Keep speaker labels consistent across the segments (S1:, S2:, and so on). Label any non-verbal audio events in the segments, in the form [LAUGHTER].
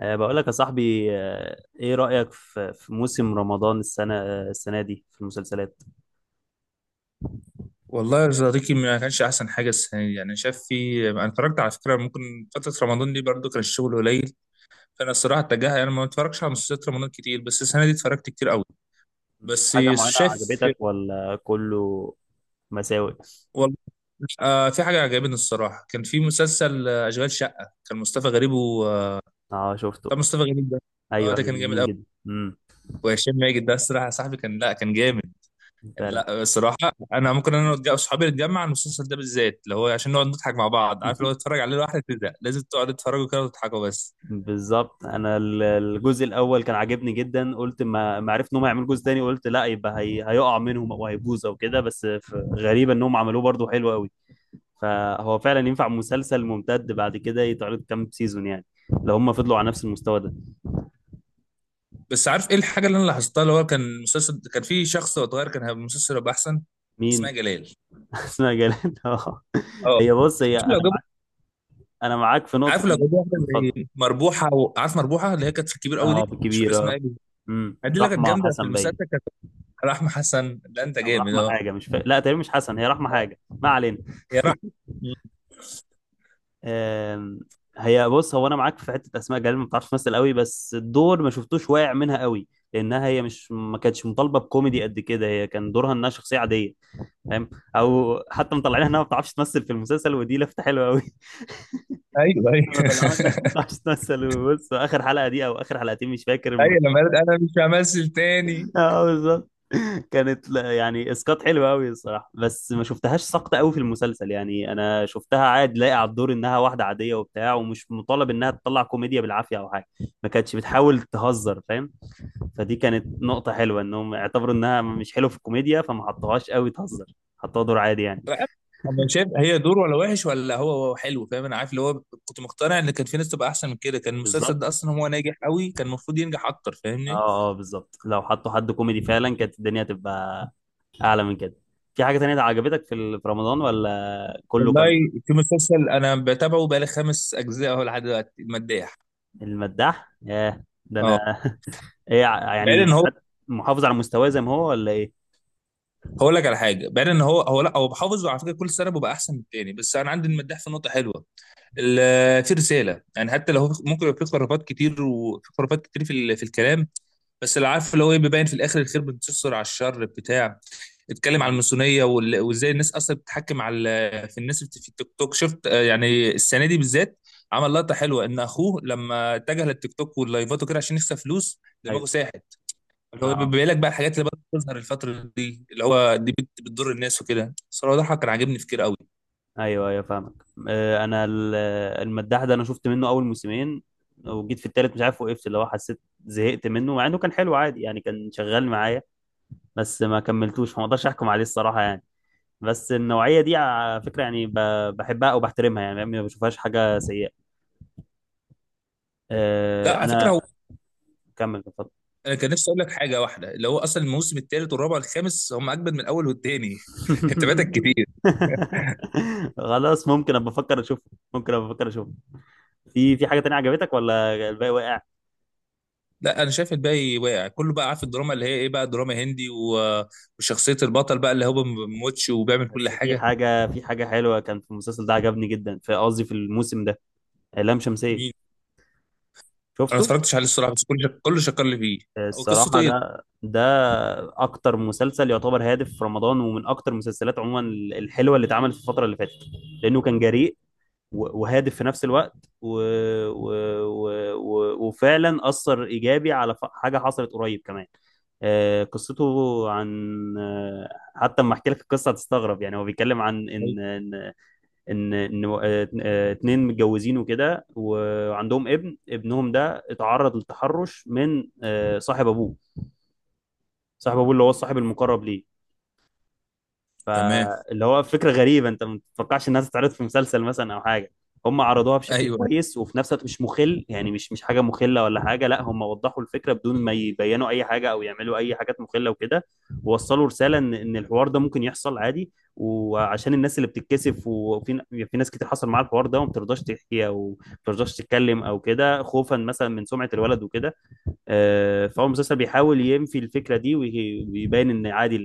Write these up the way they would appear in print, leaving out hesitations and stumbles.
S1: بقول لك يا صاحبي، ايه رأيك في موسم رمضان السنة دي في المسلسلات؟
S2: والله يا صديقي ما كانش احسن حاجه السنه دي. يعني شاف انا اتفرجت على فكره، ممكن فتره رمضان دي برضو كان الشغل قليل. فانا الصراحه اتجاهها يعني ما اتفرجش على مسلسلات رمضان كتير، بس السنه دي اتفرجت كتير قوي.
S1: في
S2: بس
S1: حاجة معينة
S2: شايف.
S1: عجبتك ولا كله مساوئ؟
S2: والله، في حاجه عجبتني الصراحه. كان في مسلسل اشغال شقه، كان مصطفى غريب و
S1: اه شفته.
S2: طب مصطفى غريب ده، اه
S1: ايوه
S2: ده
S1: ايوه،
S2: كان جامد
S1: جميل
S2: قوي.
S1: جدا. امم،
S2: وهشام ماجد ده الصراحه يا صاحبي كان، لا كان جامد.
S1: فعلا.
S2: لا الصراحه انا ممكن انا اصحابي نتجمع على المسلسل ده بالذات، اللي هو عشان نقعد نضحك مع بعض. عارف، لو
S1: [LAUGHS]
S2: تتفرج عليه لوحدك تزهق، لازم تقعد تتفرجوا كده وتضحكوا بس.
S1: بالظبط، انا الجزء الاول كان عاجبني جدا. قلت ما عرفت انهم هيعملوا جزء تاني، قلت لا يبقى هيقع منهم او هيبوظ او كده، بس غريبة انهم عملوه، برضو حلو قوي. فهو فعلا ينفع مسلسل ممتد بعد كده، يتعرض كام سيزون يعني، لو هم فضلوا على نفس المستوى ده.
S2: بس عارف ايه الحاجه اللي انا لاحظتها؟ اللي هو كان مسلسل، كان في شخص وهو صغير، كان هيبقى المسلسل هيبقى احسن. اسمها
S1: مين؟
S2: جلال.
S1: [LAUGHS] اسمها جلال، اه.
S2: اه.
S1: هي بص، هي
S2: عارف لو
S1: انا
S2: جابوا،
S1: معاك، انا معاك في
S2: عارف لو جابوا واحده
S1: اتفضل.
S2: زي مربوحه، عارف مربوحه اللي هي كانت في الكبير قوي
S1: اه
S2: دي. مش فاكر اسمها
S1: بالكبيره.
S2: ايه بالظبط.
S1: امم،
S2: دي اللي كانت
S1: رحمه
S2: جامده في
S1: حسن
S2: المسلسل
S1: باين.
S2: كانت. رحمه حسن؟ ده انت
S1: او
S2: جامد
S1: رحمه
S2: اه.
S1: حاجه مش فا... لا، تقريبا مش حسن، هي رحمه حاجه، ما علينا.
S2: يا رحمه.
S1: آم... هي بص، هو انا معاك في حته اسماء جلال ما بتعرفش تمثل قوي، بس الدور ما شفتوش واقع منها قوي، لانها هي مش ما كانتش مطالبه بكوميدي قد كده، هي كان دورها انها شخصيه عاديه، فاهم؟ او حتى مطلعينها انها ما بتعرفش تمثل في المسلسل، ودي لفته حلوه قوي.
S2: ايوه ايوه.
S1: انا طلعنا
S2: [LAUGHS]
S1: نمثل. [LAUGHS] بص اخر حلقه دي، او اخر حلقتين مش فاكر، لما…
S2: ايوه لما قالت انا مش همثل تاني.
S1: [LAUGHS] اه بالظبط. كانت يعني اسقاط حلو قوي الصراحه، بس ما شفتهاش ساقطه قوي في المسلسل. يعني انا شفتها عادي لاقي على الدور انها واحده عاديه وبتاع، ومش مطالب انها تطلع كوميديا بالعافيه او حاجه، ما كانتش بتحاول تهزر، فاهم؟ فدي كانت نقطه حلوه، انهم اعتبروا انها مش حلوه في الكوميديا فما حطوهاش قوي تهزر، حطوها دور عادي يعني.
S2: انا عارف- أنا شايف هي دور، ولا وحش ولا هو حلو، فاهم. انا عارف اللي هو كنت مقتنع ان كان في ناس تبقى احسن من كده. كان المسلسل
S1: بالظبط.
S2: ده اصلا هو ناجح قوي، كان المفروض ينجح اكتر، فاهمني.
S1: اه اه بالظبط، لو حطوا حد كوميدي فعلا كانت الدنيا هتبقى اعلى من كده. في حاجه تانية عجبتك في في رمضان، ولا كله
S2: والله،
S1: كان؟
S2: في مسلسل انا بتابعه بقالي خمس اجزاء اهو لحد دلوقتي، مداح.
S1: المداح؟ ياه ده
S2: اه.
S1: انا [LAUGHS]
S2: بعيد
S1: يعني
S2: ان هو.
S1: حد محافظ على مستواه زي ما هو ولا ايه؟
S2: هقول لك على حاجه، بعيد ان هو، هو لا هو بحافظ، وعلى فكره كل سنه ببقى احسن من التاني. بس انا عندي المداح في نقطه حلوه. في رساله، يعني حتى لو هو ممكن يبقى في خرافات كتير، وفي خرافات كتير في في الكلام، بس اللي عارف اللي هو ايه، بيبين في الاخر الخير بينتصر على الشر بتاع اتكلم عن
S1: مم.
S2: الماسونيه وازاي الناس اصلا بتتحكم على في الناس في التيك توك، شفت؟ يعني السنه دي بالذات عمل لقطه حلوه ان اخوه لما اتجه للتيك توك واللايفات وكده عشان يكسب فلوس، دماغه
S1: ايوه.
S2: ساحت. اللي هو
S1: اه
S2: بيبين لك بقى الحاجات اللي بدأت تظهر الفتره دي، اللي هو دي بتضر الناس وكده. صراحه ده كان عاجبني في كتير قوي.
S1: ايوه ايوه فاهمك. انا المداح ده انا شفت منه اول موسمين، وجيت في التالت مش عارف وقفت، اللي هو حسيت زهقت منه، مع انه كان حلو عادي يعني، كان شغال معايا، بس ما كملتوش، فما اقدرش احكم عليه الصراحه يعني. بس النوعيه دي على فكره يعني بحبها او بحترمها، يعني ما بشوفهاش حاجه سيئه.
S2: لا على فكره
S1: انا
S2: هو.
S1: كمل بفضل.
S2: انا كان نفسي اقول لك حاجه واحده، اللي هو اصلا الموسم الثالث والرابع والخامس هم اجمد من الاول والثاني. [LAUGHS] انت فاتك
S1: [LAUGHS]
S2: كتير.
S1: خلاص، ممكن ابقى افكر اشوفه، ممكن ابقى افكر اشوفه. في في حاجه تانية عجبتك ولا الباقي واقع؟
S2: لا انا شايف الباقي واقع كله بقى. عارف الدراما اللي هي ايه بقى، دراما هندي وشخصيه البطل بقى اللي هو ما بيموتش وبيعمل كل
S1: بس في
S2: حاجه.
S1: حاجه، في حاجه حلوه كان في المسلسل ده عجبني جدا، في قصدي في الموسم ده، لام شمسيه،
S2: مين؟ انا ما
S1: شفته؟
S2: اتفرجتش عليه الصراحه، بس كله شكر لي فيه. هو قصته
S1: الصراحه
S2: ايه؟
S1: ده اكتر مسلسل يعتبر هادف في رمضان، ومن اكتر المسلسلات عموما الحلوه اللي اتعملت في الفتره اللي فاتت، لانه كان جريء وهادف في نفس الوقت، و... و... وفعلا أثر إيجابي على حاجة حصلت قريب كمان. قصته عن، آه، حتى لما احكي لك القصه هتستغرب يعني، هو بيتكلم عن ان ان ان, إن آه، آه، اتنين متجوزين وكده، وعندهم ابنهم ده اتعرض للتحرش من، صاحب ابوه، صاحب ابوه اللي هو الصاحب المقرب ليه.
S2: تمام.
S1: فاللي هو فكرة غريبة، انت ما تتوقعش انها تتعرض في مسلسل مثلا او حاجة. هم عرضوها بشكل
S2: ايوه
S1: كويس، وفي نفس الوقت مش مخل، يعني مش حاجة مخلة ولا حاجة، لا هم وضحوا الفكرة بدون ما يبينوا اي حاجة او يعملوا اي حاجات مخلة وكده. ووصلوا رسالة ان الحوار ده ممكن يحصل عادي، وعشان الناس اللي بتتكسف، وفي في ناس كتير حصل معاها الحوار ده، وما بترضاش تحكي او ما بترضاش تتكلم او كده، خوفا مثلا من سمعة الولد وكده. فهو المسلسل بيحاول ينفي الفكرة دي ويبين ان عادي،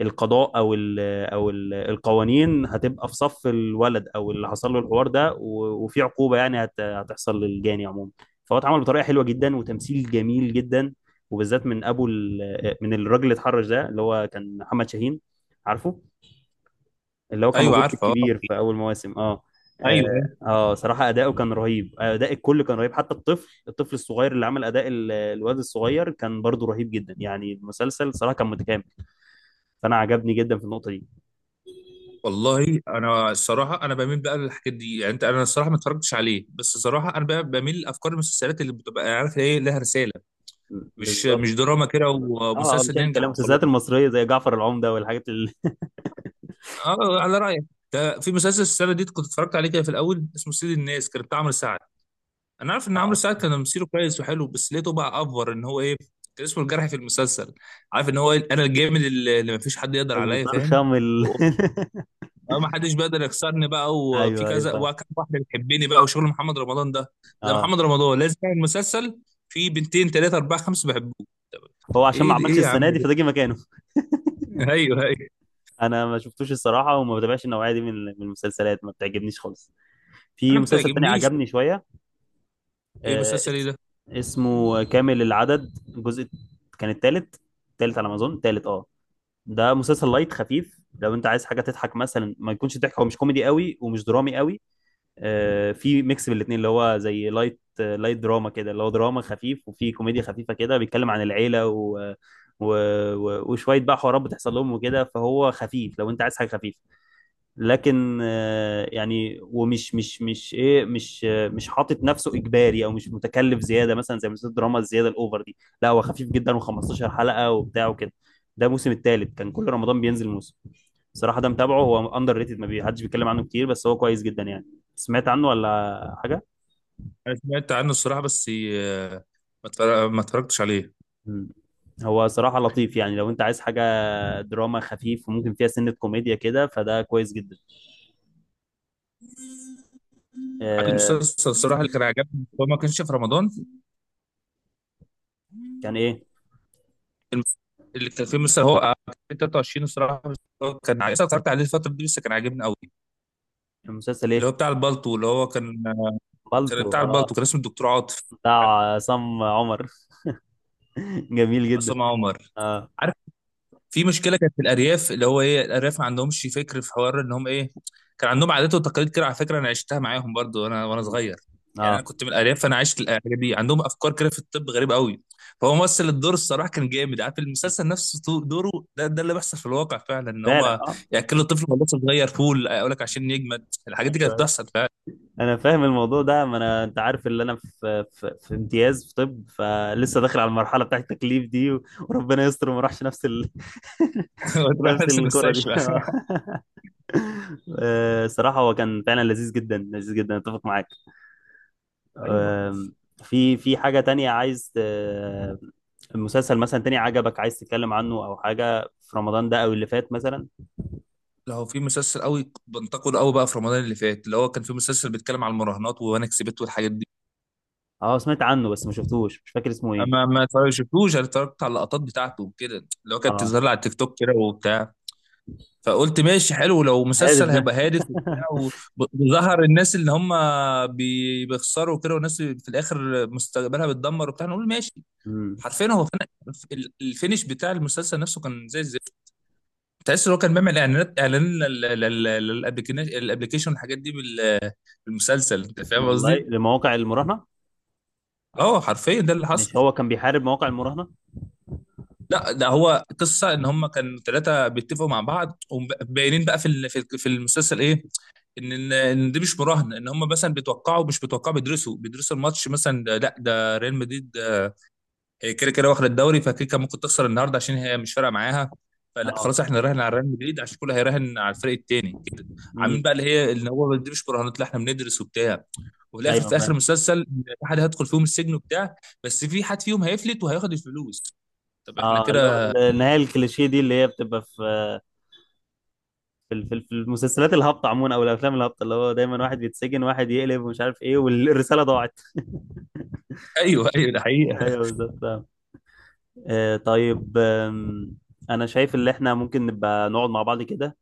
S1: القضاء او ال القوانين هتبقى في صف الولد او اللي حصل له الحوار ده، وفي عقوبه يعني هتحصل للجاني عموما. فهو اتعمل بطريقه حلوه جدا، وتمثيل جميل جدا، وبالذات من من الراجل اللي اتحرش ده، اللي هو كان محمد شاهين، عارفه؟ اللي هو كان
S2: ايوه
S1: موجود في
S2: عارفه اه.
S1: الكبير في اول مواسم، اه. اه،
S2: ايوه أيوة.
S1: صراحه اداؤه كان رهيب، اداء الكل كان رهيب، حتى الطفل، الطفل الصغير اللي عمل اداء الواد الصغير كان برضو رهيب جدا. يعني المسلسل صراحه كان متكامل، فانا عجبني جدا في النقطه دي.
S2: والله انا الصراحه انا بميل بقى للحاجات دي. يعني انت، انا الصراحه ما اتفرجتش عليه، بس الصراحه انا بقى بميل لافكار المسلسلات اللي بتبقى يعني عارف ايه، لها رساله. مش
S1: بالظبط.
S2: مش دراما كده
S1: اه،
S2: ومسلسل
S1: مش اي كلام
S2: ننجح وخلاص.
S1: المسلسلات المصريه زي جعفر العمده
S2: اه على رايك. ده في مسلسل السنه دي كنت اتفرجت عليه كده في الاول، اسمه سيد الناس، كان بتاع عمرو سعد. انا عارف ان عمرو
S1: آه،
S2: سعد كان تمثيله كويس وحلو، بس لقيته بقى افور، ان هو ايه، كان اسمه الجرح في المسلسل. عارف ان هو، انا الجامد اللي مفيش حد يقدر عليا، فاهم.
S1: المطرشم ال...
S2: و- اه، ما حدش بيقدر يكسرني بقى،
S1: [LAUGHS]
S2: وفي
S1: ايوه ايوه
S2: كذا
S1: فاهم.
S2: وكم واحده بتحبني بقى، وشغل محمد رمضان ده. زي
S1: اه،
S2: محمد رمضان لازم يعمل مسلسل، في بنتين ثلاثه اربعه خمسه بحبوه.
S1: هو عشان ما
S2: ايه
S1: عملش
S2: ايه يا عم
S1: السنه دي
S2: ده.
S1: فده جه مكانه.
S2: [LAUGHS] ايوه ايوه.
S1: انا ما شفتوش الصراحه، وما بتابعش النوعيه دي من المسلسلات، ما بتعجبنيش خالص. في
S2: انا ما
S1: مسلسل تاني
S2: بتعجبنيش.
S1: عجبني شويه،
S2: ايه
S1: آه
S2: مسلسل ايه
S1: اس...
S2: ده؟
S1: اسمه كامل العدد، الجزء كان التالت، التالت على ما اظن، التالت اه. ده مسلسل لايت خفيف، لو انت عايز حاجه تضحك مثلا، ما يكونش ضحك، هو مش كوميدي قوي ومش درامي قوي، في ميكس بين الاثنين، اللي هو زي لايت، لايت دراما كده، اللي هو دراما خفيف وفي كوميديا خفيفه كده، بيتكلم عن العيله و... آه، و... و... وشويه بقى حوارات بتحصل لهم وكده، فهو خفيف لو انت عايز حاجه خفيفه. لكن يعني ومش مش مش ايه مش آه، مش حاطط نفسه اجباري، او مش متكلف زياده مثلا زي مسلسلات الدراما الزياده الاوفر دي، لا هو خفيف جدا، و15 حلقه وبتاع وكده. ده الموسم الثالث، كان كل رمضان بينزل موسم. بصراحه ده متابعه، هو اندر ريتد، ما بي- حدش بيتكلم عنه كتير، بس هو كويس جدا يعني. سمعت عنه ولا حاجه؟
S2: انا سمعت عنه الصراحه، بس ما اتفرجتش عليه.
S1: مم. هو صراحه لطيف، يعني لو انت عايز حاجه دراما خفيف وممكن فيها سنه كوميديا كده فده كويس جدا.
S2: عارف
S1: آه،
S2: المسلسل الصراحه اللي كان عجبني، هو ما كانش في رمضان.
S1: كان ايه؟
S2: اللي كان فيه مثلا هو كان 23 الصراحه، بس هو كان عايز، اتفرجت عليه الفتره دي، بس كان عاجبني قوي.
S1: المسلسل
S2: اللي
S1: ايه؟
S2: هو بتاع البالتو، اللي هو كان، كان
S1: بالطو،
S2: بتاع
S1: اه،
S2: البالتو، كان اسمه الدكتور عاطف.
S1: بتاع عصام عمر. [LAUGHS] جميل جدا.
S2: عصام عمر.
S1: اه.
S2: في مشكله كانت في الارياف، اللي هو ايه، الارياف ما عندهمش فكر في حوار ان هم ايه، كان عندهم عادات وتقاليد كده. على فكره انا عشتها معاهم برضو وانا صغير، يعني انا
S1: اه
S2: كنت من الارياف، فانا عشت الحاجات دي. عندهم افكار كده في الطب غريب قوي. فهو ممثل الدور الصراحه كان جامد. عارف المسلسل نفسه دوره ده اللي بيحصل في الواقع فعلا، ان
S1: فعلا.
S2: هم
S1: اه
S2: ياكلوا الطفل وهو لسه صغير. فول اقول لك عشان يجمد، الحاجات دي كانت
S1: ايوه،
S2: بتحصل فعلا.
S1: انا فاهم الموضوع ده، ما انا انت عارف اللي انا في امتياز في طب فلسه، داخل على المرحله بتاعت التكليف دي، وربنا يستر وما راحش نفس [LAUGHS]
S2: [LAUGHS] وتروح
S1: نفس
S2: نفس
S1: الكره دي. [LAUGHS]
S2: المستشفى.
S1: آه. صراحه هو كان فعلا لذيذ جدا، لذيذ جدا، اتفق معاك.
S2: ايوه.
S1: آم، في في حاجه تانية عايز، مسلسل مثلا تاني عجبك عايز تتكلم عنه، او حاجه في رمضان ده او اللي فات مثلا؟
S2: لو في مسلسل قوي بنتقد قوي بقى في رمضان اللي فات، اللي هو كان في مسلسل بيتكلم على المراهنات وانا كسبت والحاجات دي.
S1: اه سمعت عنه بس ما شفتوش، مش فاكر اسمه
S2: ما
S1: ايه.
S2: ما شفتوش، انا اتفرجت على اللقطات بتاعته وكده، اللي هو كانت
S1: اه،
S2: بتظهر لي على التيك توك كده وبتاع. فقلت ماشي حلو، لو
S1: هادف
S2: مسلسل
S1: ده.
S2: هيبقى هادف وبتاع،
S1: [LAUGHS]
S2: وظهر الناس اللي هم بيخسروا كده، والناس في الاخر مستقبلها بتدمر وبتاع، نقول ماشي.
S1: امم.
S2: حرفيا هو كان الفينش بتاع المسلسل نفسه كان زي الزفت. تحس ان هو كان بيعمل اعلانات، اعلان للابليكيشن، الابليكيشن والحاجات دي بالمسلسل، انت فاهم
S1: والله،
S2: قصدي؟
S1: لمواقع المراهنه؟
S2: اه حرفيا ده اللي
S1: مش
S2: حصل.
S1: هو كان بيحارب مواقع المراهنه؟
S2: لا ده هو قصه ان هم كانوا ثلاثه بيتفقوا مع بعض، وباينين بقى في ال- في في المسلسل ايه، ان إن دي مش مراهنه، ان هم مثلا بيتوقعوا، مش بيتوقعوا بيدرسوا، الماتش مثلا لا ده ريال مدريد، كده كده واخد الدوري، فكيكا ممكن تخسر النهارده عشان هي مش فارقه معاها، فلا
S1: اه.
S2: خلاص احنا نراهن على ريال مدريد عشان كله هيراهن على الفريق التاني كده. عاملين
S1: امم.
S2: بقى اللي هي ان هو دي مش مراهنات، لا احنا بندرس وبتاع. وفي الاخر
S1: ايوه
S2: في اخر
S1: فاهم.
S2: المسلسل، إن في حد هيدخل فيهم السجن وبتاع، بس في حد فيهم هيفلت وهياخد الفلوس. طب احنا
S1: اه، اللي
S2: كده.
S1: هو النهايه الكليشيه دي اللي هي بتبقى في في المسلسلات الهابطه عموما او الافلام الهابطه، اللي هو دايما واحد بيتسجن، واحد يقلب، ومش عارف ايه، والرساله ضاعت.
S2: ايوه ايوه، ده حقيقة.
S1: [LAUGHS] ايوه
S2: [LAUGHS]
S1: بالظبط فاهم. آه طيب، انا شايف ان احنا ممكن نبقى نقعد مع بعض كده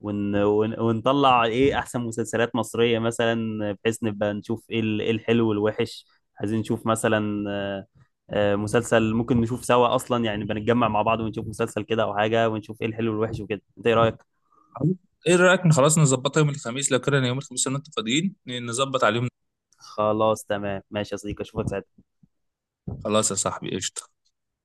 S1: ونطلع ايه احسن مسلسلات مصرية مثلا، بحيث نبقى نشوف ايه إيه الحلو والوحش. عايزين نشوف مثلا مسلسل ممكن نشوف سوا اصلا يعني، بنتجمع مع بعض ونشوف مسلسل كده او حاجة، ونشوف ايه الحلو والوحش وكده، انت ايه رأيك؟
S2: ايه رأيك إن خلاص نظبطها يوم الخميس؟ لو كده يوم الخميس لو انتوا فاضيين نظبط على اليوم.
S1: خلاص تمام ماشي يا صديقي، اشوفك ساعتها.
S2: خلاص يا صاحبي قشطة.